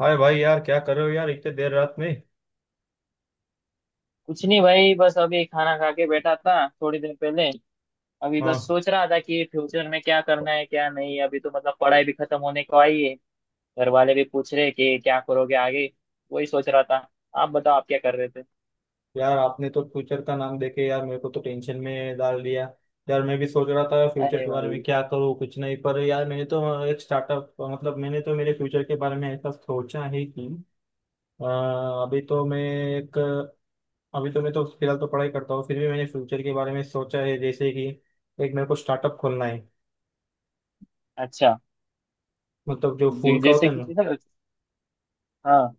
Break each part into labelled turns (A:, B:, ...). A: हाय भाई, यार क्या कर रहे हो यार इतने देर रात में।
B: कुछ नहीं भाई, बस अभी खाना खा के बैठा था थोड़ी देर पहले। अभी बस
A: हाँ।
B: सोच रहा था कि फ्यूचर में क्या करना है क्या नहीं। अभी तो मतलब पढ़ाई भी खत्म होने को आई है। घर वाले भी पूछ रहे कि क्या करोगे आगे। वही सोच रहा था। आप बताओ, आप क्या कर रहे थे?
A: यार आपने तो फ्यूचर का नाम देके यार मेरे को तो टेंशन में डाल दिया। यार मैं भी सोच रहा था फ्यूचर
B: अरे
A: के बारे में,
B: भाई।
A: क्या करूँ कुछ नहीं। पर यार मैंने तो एक स्टार्टअप, मतलब मैंने तो मेरे फ्यूचर के बारे में ऐसा सोचा है कि अ, अभी तो मैं, एक, अभी तो मैं तो फिलहाल तो पढ़ाई करता हूँ, फिर भी मैंने फ्यूचर के बारे में सोचा है। जैसे कि एक मेरे को स्टार्टअप खोलना है,
B: अच्छा।
A: मतलब जो फूड का होता
B: जैसे
A: है
B: कि
A: ना।
B: हाँ,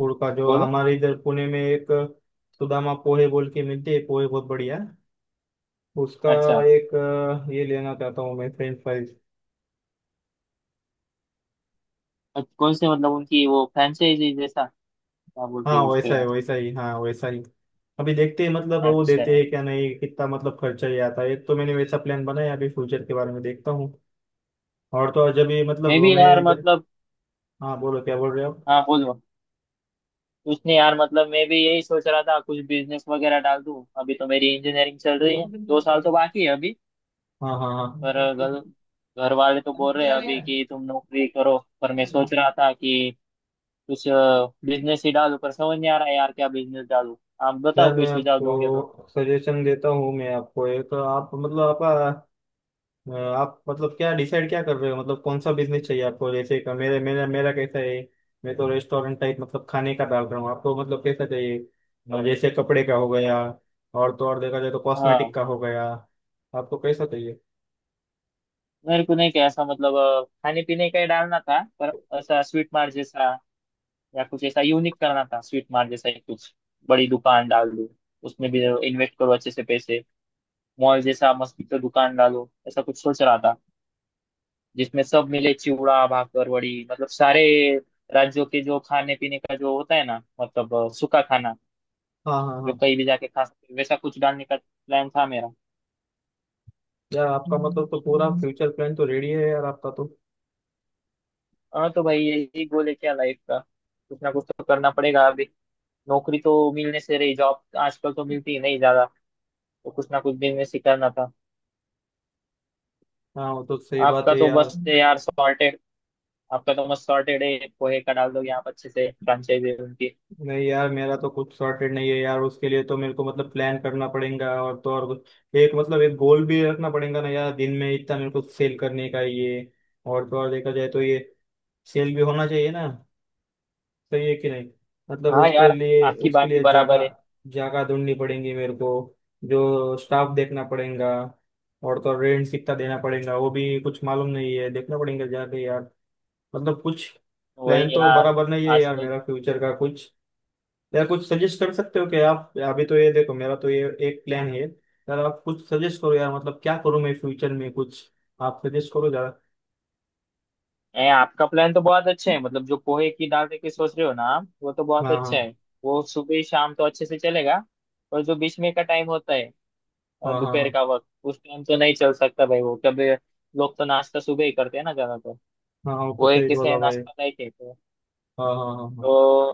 A: गुड़ का जो
B: बोलो।
A: हमारे इधर पुणे में, एक सुदामा पोहे बोल के मिलती है, पोहे बहुत बढ़िया है। उसका
B: अच्छा।
A: एक ये लेना चाहता हूँ मैं, फ्रेंच फ्राइज।
B: कौन से मतलब उनकी वो फ्रेंचाइजी जैसा, क्या बोलते
A: हाँ
B: हैं उसको
A: वैसा ही,
B: यार।
A: वैसा ही, हाँ वैसा ही। अभी देखते हैं मतलब, वो
B: अच्छा।
A: देते हैं क्या नहीं, कितना मतलब खर्चा ही आता है। एक तो मैंने वैसा प्लान बनाया, अभी फ्यूचर के बारे में देखता हूँ। और तो और जब ये, मतलब
B: मैं भी
A: मैं
B: यार
A: इधर।
B: मतलब।
A: हाँ बोलो, क्या बोल रहे हो।
B: हाँ, बोलो। कुछ नहीं यार, मतलब मैं भी यही सोच रहा था कुछ बिजनेस वगैरह डाल दूं। अभी तो मेरी इंजीनियरिंग चल रही है, दो
A: आप।
B: साल तो बाकी है अभी।
A: हाँ हाँ हाँ।
B: पर घर घर वाले तो बोल रहे हैं अभी कि तुम नौकरी करो, पर मैं सोच रहा था कि कुछ बिजनेस ही डालूं। पर समझ नहीं आ रहा है यार क्या बिजनेस डालूं। आप बताओ,
A: यार
B: कोई
A: मैं
B: सुझाव दोगे तो।
A: आपको सजेशन देता हूँ, मैं आपको एक, आप मतलब आपका आप मतलब क्या डिसाइड क्या कर रहे हो, मतलब कौन सा बिजनेस चाहिए आपको। जैसे कि मेरे, मेरा मेरा कैसा है, मैं तो रेस्टोरेंट टाइप मतलब खाने का डाल रहा हूँ। आपको मतलब कैसा चाहिए, और जैसे कपड़े का हो गया, और तो और देखा जाए तो
B: हाँ,
A: कॉस्मेटिक का हो गया। आपको कैसा चाहिए।
B: मेरे को नहीं क्या ऐसा मतलब खाने पीने का ही डालना था, पर ऐसा स्वीट मार्ट जैसा या कुछ ऐसा यूनिक करना था। स्वीट मार्ट जैसा ही कुछ बड़ी दुकान डाल दूं। उसमें भी इन्वेस्ट करो अच्छे से पैसे। मॉल जैसा मस्त तो दुकान डालो, ऐसा कुछ सोच रहा था। जिसमें सब मिले, चिवड़ा भाकर वड़ी, मतलब सारे राज्यों के जो खाने पीने का जो होता है ना, मतलब सूखा खाना
A: हाँ हाँ
B: जो
A: हाँ।
B: कहीं भी जाके खा सकते हैं, वैसा कुछ डालने का प्लान था मेरा।
A: यार आपका मतलब तो पूरा फ्यूचर प्लान तो रेडी है यार आपका तो।
B: हाँ तो भाई, यही गोल है क्या लाइफ का। कुछ ना कुछ तो करना पड़ेगा अभी। नौकरी तो मिलने से रही, जॉब आजकल तो मिलती ही नहीं ज्यादा, तो कुछ ना कुछ बिजनेस ही करना था।
A: हाँ वो तो सही बात
B: आपका
A: है
B: तो
A: यार।
B: बस है यार सॉर्टेड। आपका तो मस्त सॉर्टेड है, पोहे का डाल दो यहाँ अच्छे से, फ्रांचाइजी उनकी।
A: नहीं यार, मेरा तो कुछ सॉर्टेड नहीं है यार। उसके लिए तो मेरे को मतलब प्लान करना पड़ेगा। और तो और एक मतलब एक गोल भी रखना पड़ेगा ना यार, दिन में इतना मेरे को सेल करने का ये। और तो और देखा जाए तो ये सेल भी होना चाहिए ना, सही है कि नहीं। मतलब
B: हाँ
A: उसको
B: यार,
A: लिए,
B: आपकी
A: उसके
B: बात भी
A: लिए
B: बराबर है।
A: जगह, जगह ढूंढनी पड़ेगी मेरे को। जो स्टाफ देखना पड़ेगा, और तो रेंट कितना देना पड़ेगा वो भी कुछ मालूम नहीं है, देखना पड़ेगा जाके यार। मतलब कुछ
B: वही
A: प्लान तो
B: यार।
A: बराबर नहीं है यार,
B: आजकल।
A: मेरा फ्यूचर का कुछ। यार कुछ सजेस्ट कर सकते हो कि, आप अभी तो ये देखो मेरा तो ये एक प्लान है यार। आप कुछ सजेस्ट करो यार, मतलब क्या करूँ मैं फ्यूचर में कुछ। आप सजेस्ट करो जरा।
B: आपका प्लान तो बहुत अच्छा है, मतलब जो पोहे की दाल की सोच रहे हो ना आप, वो तो बहुत
A: हाँ
B: अच्छा
A: हाँ
B: है। वो सुबह शाम तो अच्छे से चलेगा, पर जो बीच में का टाइम होता है,
A: हाँ। हाँ
B: दोपहर
A: हाँ
B: का वक्त, उस टाइम तो नहीं चल सकता भाई वो कभी। लोग तो नाश्ता सुबह ही करते हैं ना ज्यादातर।
A: हाँ हाँ, वो तो
B: वो एक
A: सही
B: किसे
A: बोला भाई।
B: नाश्ता नहीं कहते तो
A: हाँ हाँ हाँ हाँ
B: तो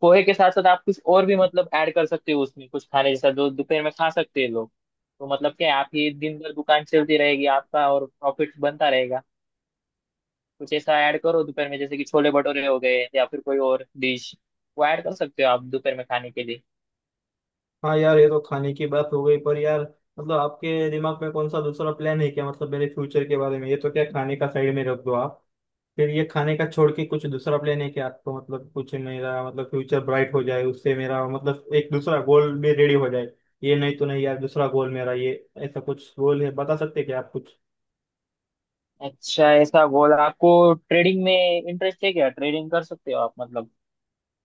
B: पोहे के साथ साथ आप कुछ और भी मतलब ऐड कर सकते हो उसमें, कुछ खाने जैसा जो दोपहर में खा सकते हैं लोग। तो मतलब क्या है, आपकी दिन भर दुकान चलती रहेगी आपका और प्रॉफिट बनता रहेगा। कुछ ऐसा ऐड करो दोपहर में, जैसे कि छोले भटूरे हो गए या फिर कोई और डिश, वो ऐड कर सकते हो आप दोपहर में खाने के लिए।
A: हाँ। यार ये तो खाने की बात हो गई, पर यार मतलब आपके दिमाग में कौन सा दूसरा प्लान है क्या, मतलब मेरे फ्यूचर के बारे में। ये तो क्या, खाने का साइड में रख दो आप। फिर ये खाने का छोड़ के कुछ दूसरा प्लान है कि आपको, मतलब कुछ मेरा मतलब फ्यूचर ब्राइट हो जाए, उससे मेरा मतलब एक दूसरा गोल भी रेडी हो जाए। ये नहीं तो नहीं यार, दूसरा गोल मेरा, ये ऐसा कुछ गोल है बता सकते हैं क्या आप कुछ।
B: अच्छा ऐसा बोला, आपको ट्रेडिंग में इंटरेस्ट है क्या? ट्रेडिंग कर सकते हो आप मतलब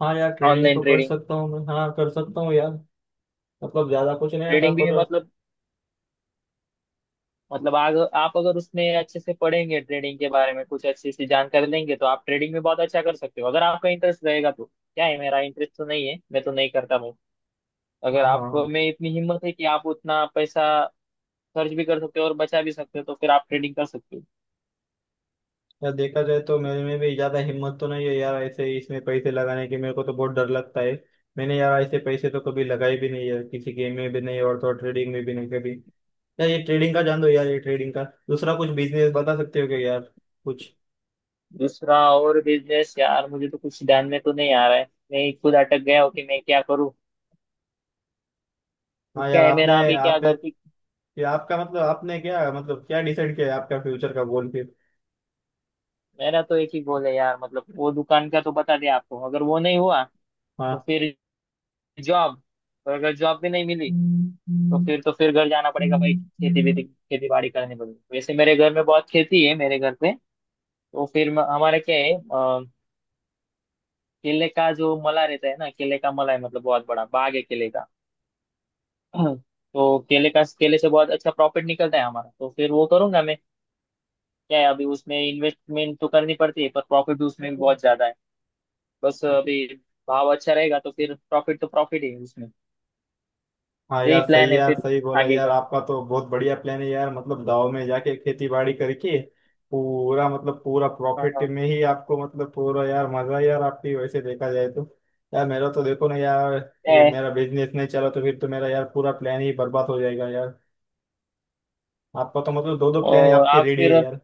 A: हाँ यार ट्रेडिंग
B: ऑनलाइन
A: तो कर
B: ट्रेडिंग।
A: सकता हूँ मैं, हाँ कर सकता हूँ यार। मतलब ज्यादा कुछ नहीं आता,
B: ट्रेडिंग भी
A: पर
B: मतलब, मतलब आप अगर उसमें अच्छे से पढ़ेंगे, ट्रेडिंग के बारे में कुछ अच्छी सी जानकारी लेंगे, तो आप ट्रेडिंग में बहुत अच्छा कर सकते हो अगर आपका इंटरेस्ट रहेगा तो। क्या है मेरा इंटरेस्ट तो नहीं है, मैं तो नहीं करता भाई। अगर
A: हाँ हाँ
B: आप
A: हाँ।
B: में इतनी हिम्मत है कि आप उतना पैसा खर्च भी कर सकते हो और बचा भी सकते हो, तो फिर आप ट्रेडिंग कर सकते हो।
A: यार देखा जाए तो मेरे में भी ज्यादा हिम्मत तो नहीं है यार, ऐसे ही इसमें पैसे लगाने की मेरे को तो बहुत डर लगता है। मैंने यार ऐसे पैसे तो कभी लगाए भी नहीं है, किसी गेम में भी नहीं, और तो ट्रेडिंग में भी नहीं कभी। यार ये ट्रेडिंग का जान दो यार, ये ट्रेडिंग का, दूसरा कुछ बिजनेस बता सकते हो क्या यार कुछ।
B: दूसरा और बिजनेस यार मुझे तो कुछ ध्यान में तो नहीं आ रहा है। मैं खुद अटक गया हूँ कि मैं क्या करूँ। तो
A: हाँ
B: क्या
A: यार
B: है
A: आपने,
B: मेरा अभी, क्या
A: आपने
B: घर की।
A: ये आपका मतलब, आपने क्या मतलब क्या डिसाइड किया है, आपका फ्यूचर का गोल फिर।
B: मेरा तो एक ही गोल है यार, मतलब वो दुकान का तो बता दिया आपको। अगर वो नहीं हुआ तो
A: हाँ
B: फिर जॉब, और अगर जॉब भी नहीं मिली तो फिर घर जाना पड़ेगा भाई। खेती बेती, खेती बाड़ी करनी पड़ेगी। वैसे मेरे घर में बहुत खेती है मेरे घर पे। तो फिर हमारा क्या है, केले का जो मला रहता है ना, केले का मला है, मतलब बहुत बड़ा बाग है केले का। तो केले का, केले से बहुत अच्छा प्रॉफिट निकलता है हमारा, तो फिर वो करूंगा मैं। क्या है, अभी उसमें इन्वेस्टमेंट तो करनी पड़ती है पर प्रॉफिट भी उसमें भी बहुत ज्यादा है। बस अभी भाव अच्छा रहेगा तो फिर प्रॉफिट तो प्रॉफिट ही है उसमें।
A: हाँ।
B: यही
A: यार
B: प्लान
A: सही,
B: है
A: यार
B: फिर
A: सही बोला
B: आगे
A: यार,
B: का।
A: आपका तो बहुत बढ़िया प्लान है यार, मतलब गाँव में जाके खेती बाड़ी करके पूरा मतलब पूरा प्रॉफिट में ही आपको, मतलब पूरा यार मजा है यार आपकी, वैसे देखा जाए तो। यार मेरा तो देखो ना यार, ये
B: हाँ।
A: मेरा बिजनेस नहीं चला तो फिर तो मेरा यार पूरा प्लान ही बर्बाद हो जाएगा यार। आपका तो मतलब दो दो प्लान
B: और
A: आपके
B: आप
A: रेडी
B: फिर।
A: है यार।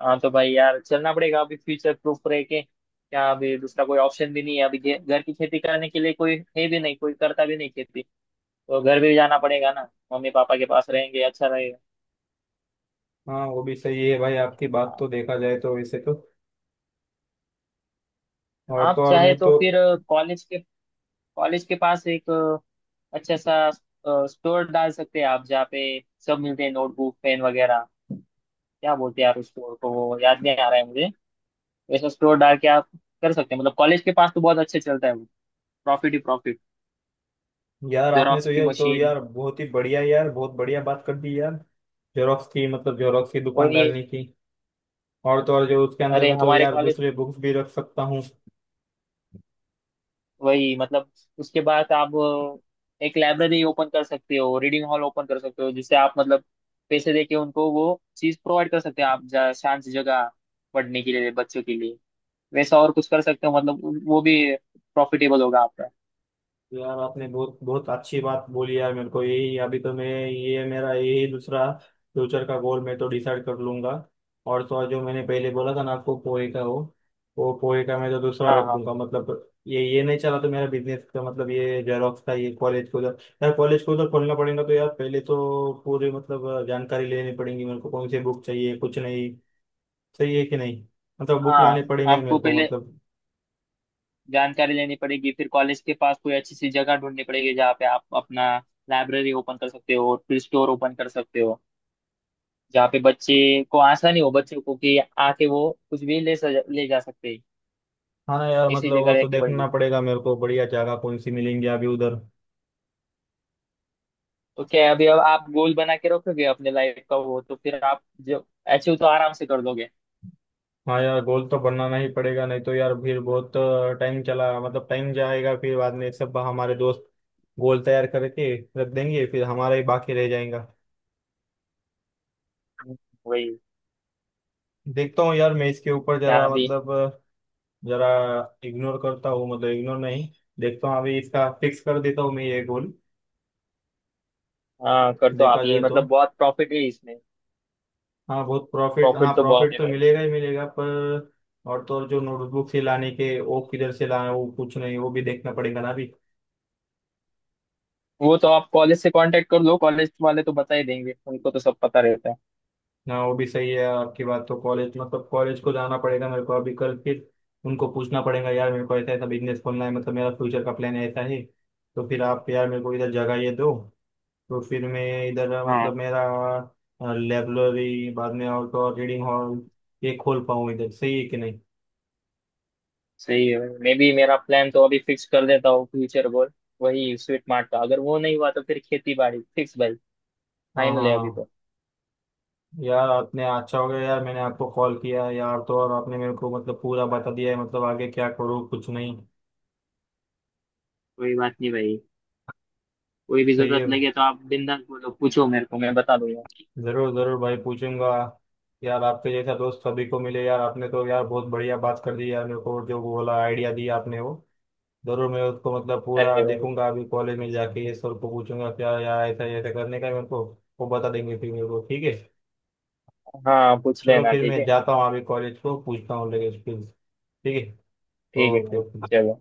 B: हाँ तो भाई यार, चलना पड़ेगा अभी। फ्यूचर प्रूफ रह के क्या, अभी दूसरा कोई ऑप्शन भी नहीं है। अभी घर की खेती करने के लिए कोई है भी नहीं, कोई करता भी नहीं खेती। तो घर भी जाना पड़ेगा ना, मम्मी पापा के पास रहेंगे, अच्छा रहेगा।
A: हाँ वो भी सही है भाई, आपकी बात
B: हाँ,
A: तो देखा जाए तो वैसे तो। और तो
B: आप
A: और
B: चाहे
A: मैं
B: तो
A: तो।
B: फिर कॉलेज के कॉलेज के पास एक अच्छा सा स्टोर डाल सकते हैं आप, जहाँ पे सब मिलते हैं, नोटबुक पेन वगैरह। क्या बोलते हैं यार उस स्टोर को, वो याद नहीं आ रहा है मुझे। वैसा स्टोर डाल के आप कर सकते हैं, मतलब कॉलेज के पास तो बहुत अच्छे चलता है वो। प्रॉफिट ही profit।
A: यार आपने
B: जेरॉक्स
A: तो
B: की
A: ये तो
B: मशीन।
A: यार बहुत ही बढ़िया यार, बहुत बढ़िया बात कर दी यार। जेरोक्स की, मतलब जेरोक्स की दुकान
B: वही।
A: डालने की। और तो और जो उसके अंदर
B: अरे
A: में तो
B: हमारे
A: यार
B: कॉलेज।
A: दूसरे बुक्स भी रख सकता हूँ।
B: वही मतलब उसके बाद आप एक लाइब्रेरी ओपन कर सकते हो, रीडिंग हॉल ओपन कर सकते हो, जिससे आप मतलब पैसे देके उनको वो चीज प्रोवाइड कर सकते हैं आप। शांत सी जगह पढ़ने के लिए बच्चों के लिए, वैसा और कुछ कर सकते हो। मतलब वो भी प्रॉफिटेबल होगा आपका।
A: तो यार आपने बहुत बहुत अच्छी बात बोली यार, मेरे को यही अभी तो मैं, ये मेरा यही दूसरा फ्यूचर का गोल मैं तो डिसाइड कर लूंगा। और तो और जो मैंने पहले बोला था ना आपको, पोए का, हो वो पोए का मैं तो दूसरा
B: हाँ,
A: रख
B: हाँ,
A: दूंगा, मतलब ये नहीं चला तो मेरा बिजनेस का, मतलब ये जेरॉक्स का, ये कॉलेज को उधर यार, कॉलेज को उधर खोलना पड़ेगा। तो यार पहले तो पूरी मतलब जानकारी लेनी पड़ेगी मेरे को, कौन सी बुक चाहिए कुछ नहीं, सही है कि नहीं। मतलब बुक लाने
B: हाँ।
A: पड़ेंगे ना
B: आपको
A: मेरे को,
B: पहले
A: मतलब
B: जानकारी लेनी पड़ेगी, फिर कॉलेज के पास कोई अच्छी सी जगह ढूंढनी पड़ेगी जहाँ पे आप अपना लाइब्रेरी ओपन कर सकते हो, फिर स्टोर ओपन कर सकते हो जहाँ पे बच्चे को आसानी हो, बच्चों को कि आके वो कुछ भी ले जा सकते हैं।
A: हाँ। ना यार,
B: ऐसी
A: मतलब वो
B: जगह
A: तो
B: रखनी
A: देखना
B: पड़ेगी।
A: पड़ेगा मेरे को, बढ़िया जगह कौन सी मिलेंगी अभी उधर।
B: तो क्या है, अभी अब आप गोल बना के रखोगे अपने लाइफ का, वो तो फिर आप जो अचीव तो आराम से कर दोगे।
A: हाँ यार गोल तो बनाना ही पड़ेगा, नहीं तो यार फिर बहुत टाइम चला, मतलब टाइम जाएगा, फिर बाद में सब हमारे दोस्त गोल तैयार करके रख देंगे, फिर हमारा ही बाकी रह जाएगा।
B: वही।
A: देखता हूँ यार मैं इसके ऊपर
B: यहाँ
A: जरा,
B: अभी
A: मतलब जरा इग्नोर करता हूँ, मतलब इग्नोर नहीं, देखता हूँ अभी इसका, फिक्स कर देता हूँ मैं ये गोल।
B: हाँ कर दो आप
A: देखा
B: ये,
A: जाए तो,
B: मतलब बहुत प्रॉफिट है इसमें।
A: हाँ बहुत प्रॉफिट, हाँ
B: प्रॉफिट तो बहुत
A: प्रॉफिट
B: है
A: तो
B: भाई।
A: मिलेगा ही मिलेगा, पर और तो और जो नोटबुक से लाने के, वो किधर से लाए वो कुछ नहीं, वो भी देखना पड़ेगा ना अभी।
B: वो तो आप कॉलेज से कांटेक्ट कर लो, कॉलेज वाले तो बता ही देंगे, उनको तो सब पता रहता है।
A: ना वो भी सही है आपकी बात तो, कॉलेज मतलब कॉलेज को जाना पड़ेगा मेरे को अभी कल फिर, उनको पूछना पड़ेगा यार मेरे को, ऐसा ऐसा बिजनेस खोलना है, मतलब मेरा फ्यूचर का प्लान ऐसा है, तो फिर आप यार मेरे को इधर जगह ये दो, तो फिर मैं इधर मतलब
B: हाँ।
A: मेरा लाइब्रेरी बाद में और तो और रीडिंग हॉल ये खोल पाऊँ इधर, सही है कि नहीं।
B: सही है। मे बी मेरा प्लान तो अभी फिक्स कर देता हूँ, फ्यूचर गोल वही स्वीट मार्ट का। अगर वो नहीं हुआ तो फिर खेती बाड़ी फिक्स भाई।
A: हाँ
B: फाइनल
A: हाँ
B: है अभी
A: हाँ।
B: तो।
A: यार आपने अच्छा हो गया यार मैंने आपको कॉल किया यार, तो और आपने मेरे को मतलब पूरा बता दिया है, मतलब आगे क्या करूँ कुछ नहीं।
B: कोई बात नहीं भाई, कोई भी
A: सही
B: जरूरत
A: है।
B: लगे तो आप बिंदास बोलो, पूछो मेरे को, मैं बता दूंगा।
A: जरूर जरूर भाई पूछूंगा। यार आपके जैसा दोस्त सभी को मिले यार, आपने तो यार बहुत बढ़िया बात कर दी यार मेरे को, जो बोला आइडिया दिया आपने वो जरूर मैं उसको मतलब पूरा
B: अरे भाई।
A: देखूंगा, अभी कॉलेज में जाके ये सर को पूछूंगा क्या यार, ऐसा ऐसा करने का है मेरे को, वो बता देंगे फिर मेरे को, ठीक है।
B: हाँ पूछ
A: चलो
B: लेना,
A: फिर
B: ठीक
A: मैं
B: है।
A: जाता हूँ, अभी कॉलेज को पूछता हूँ लगे फिर, ठीक है।
B: ठीक है
A: ओके
B: भाई,
A: ओके।
B: चलो।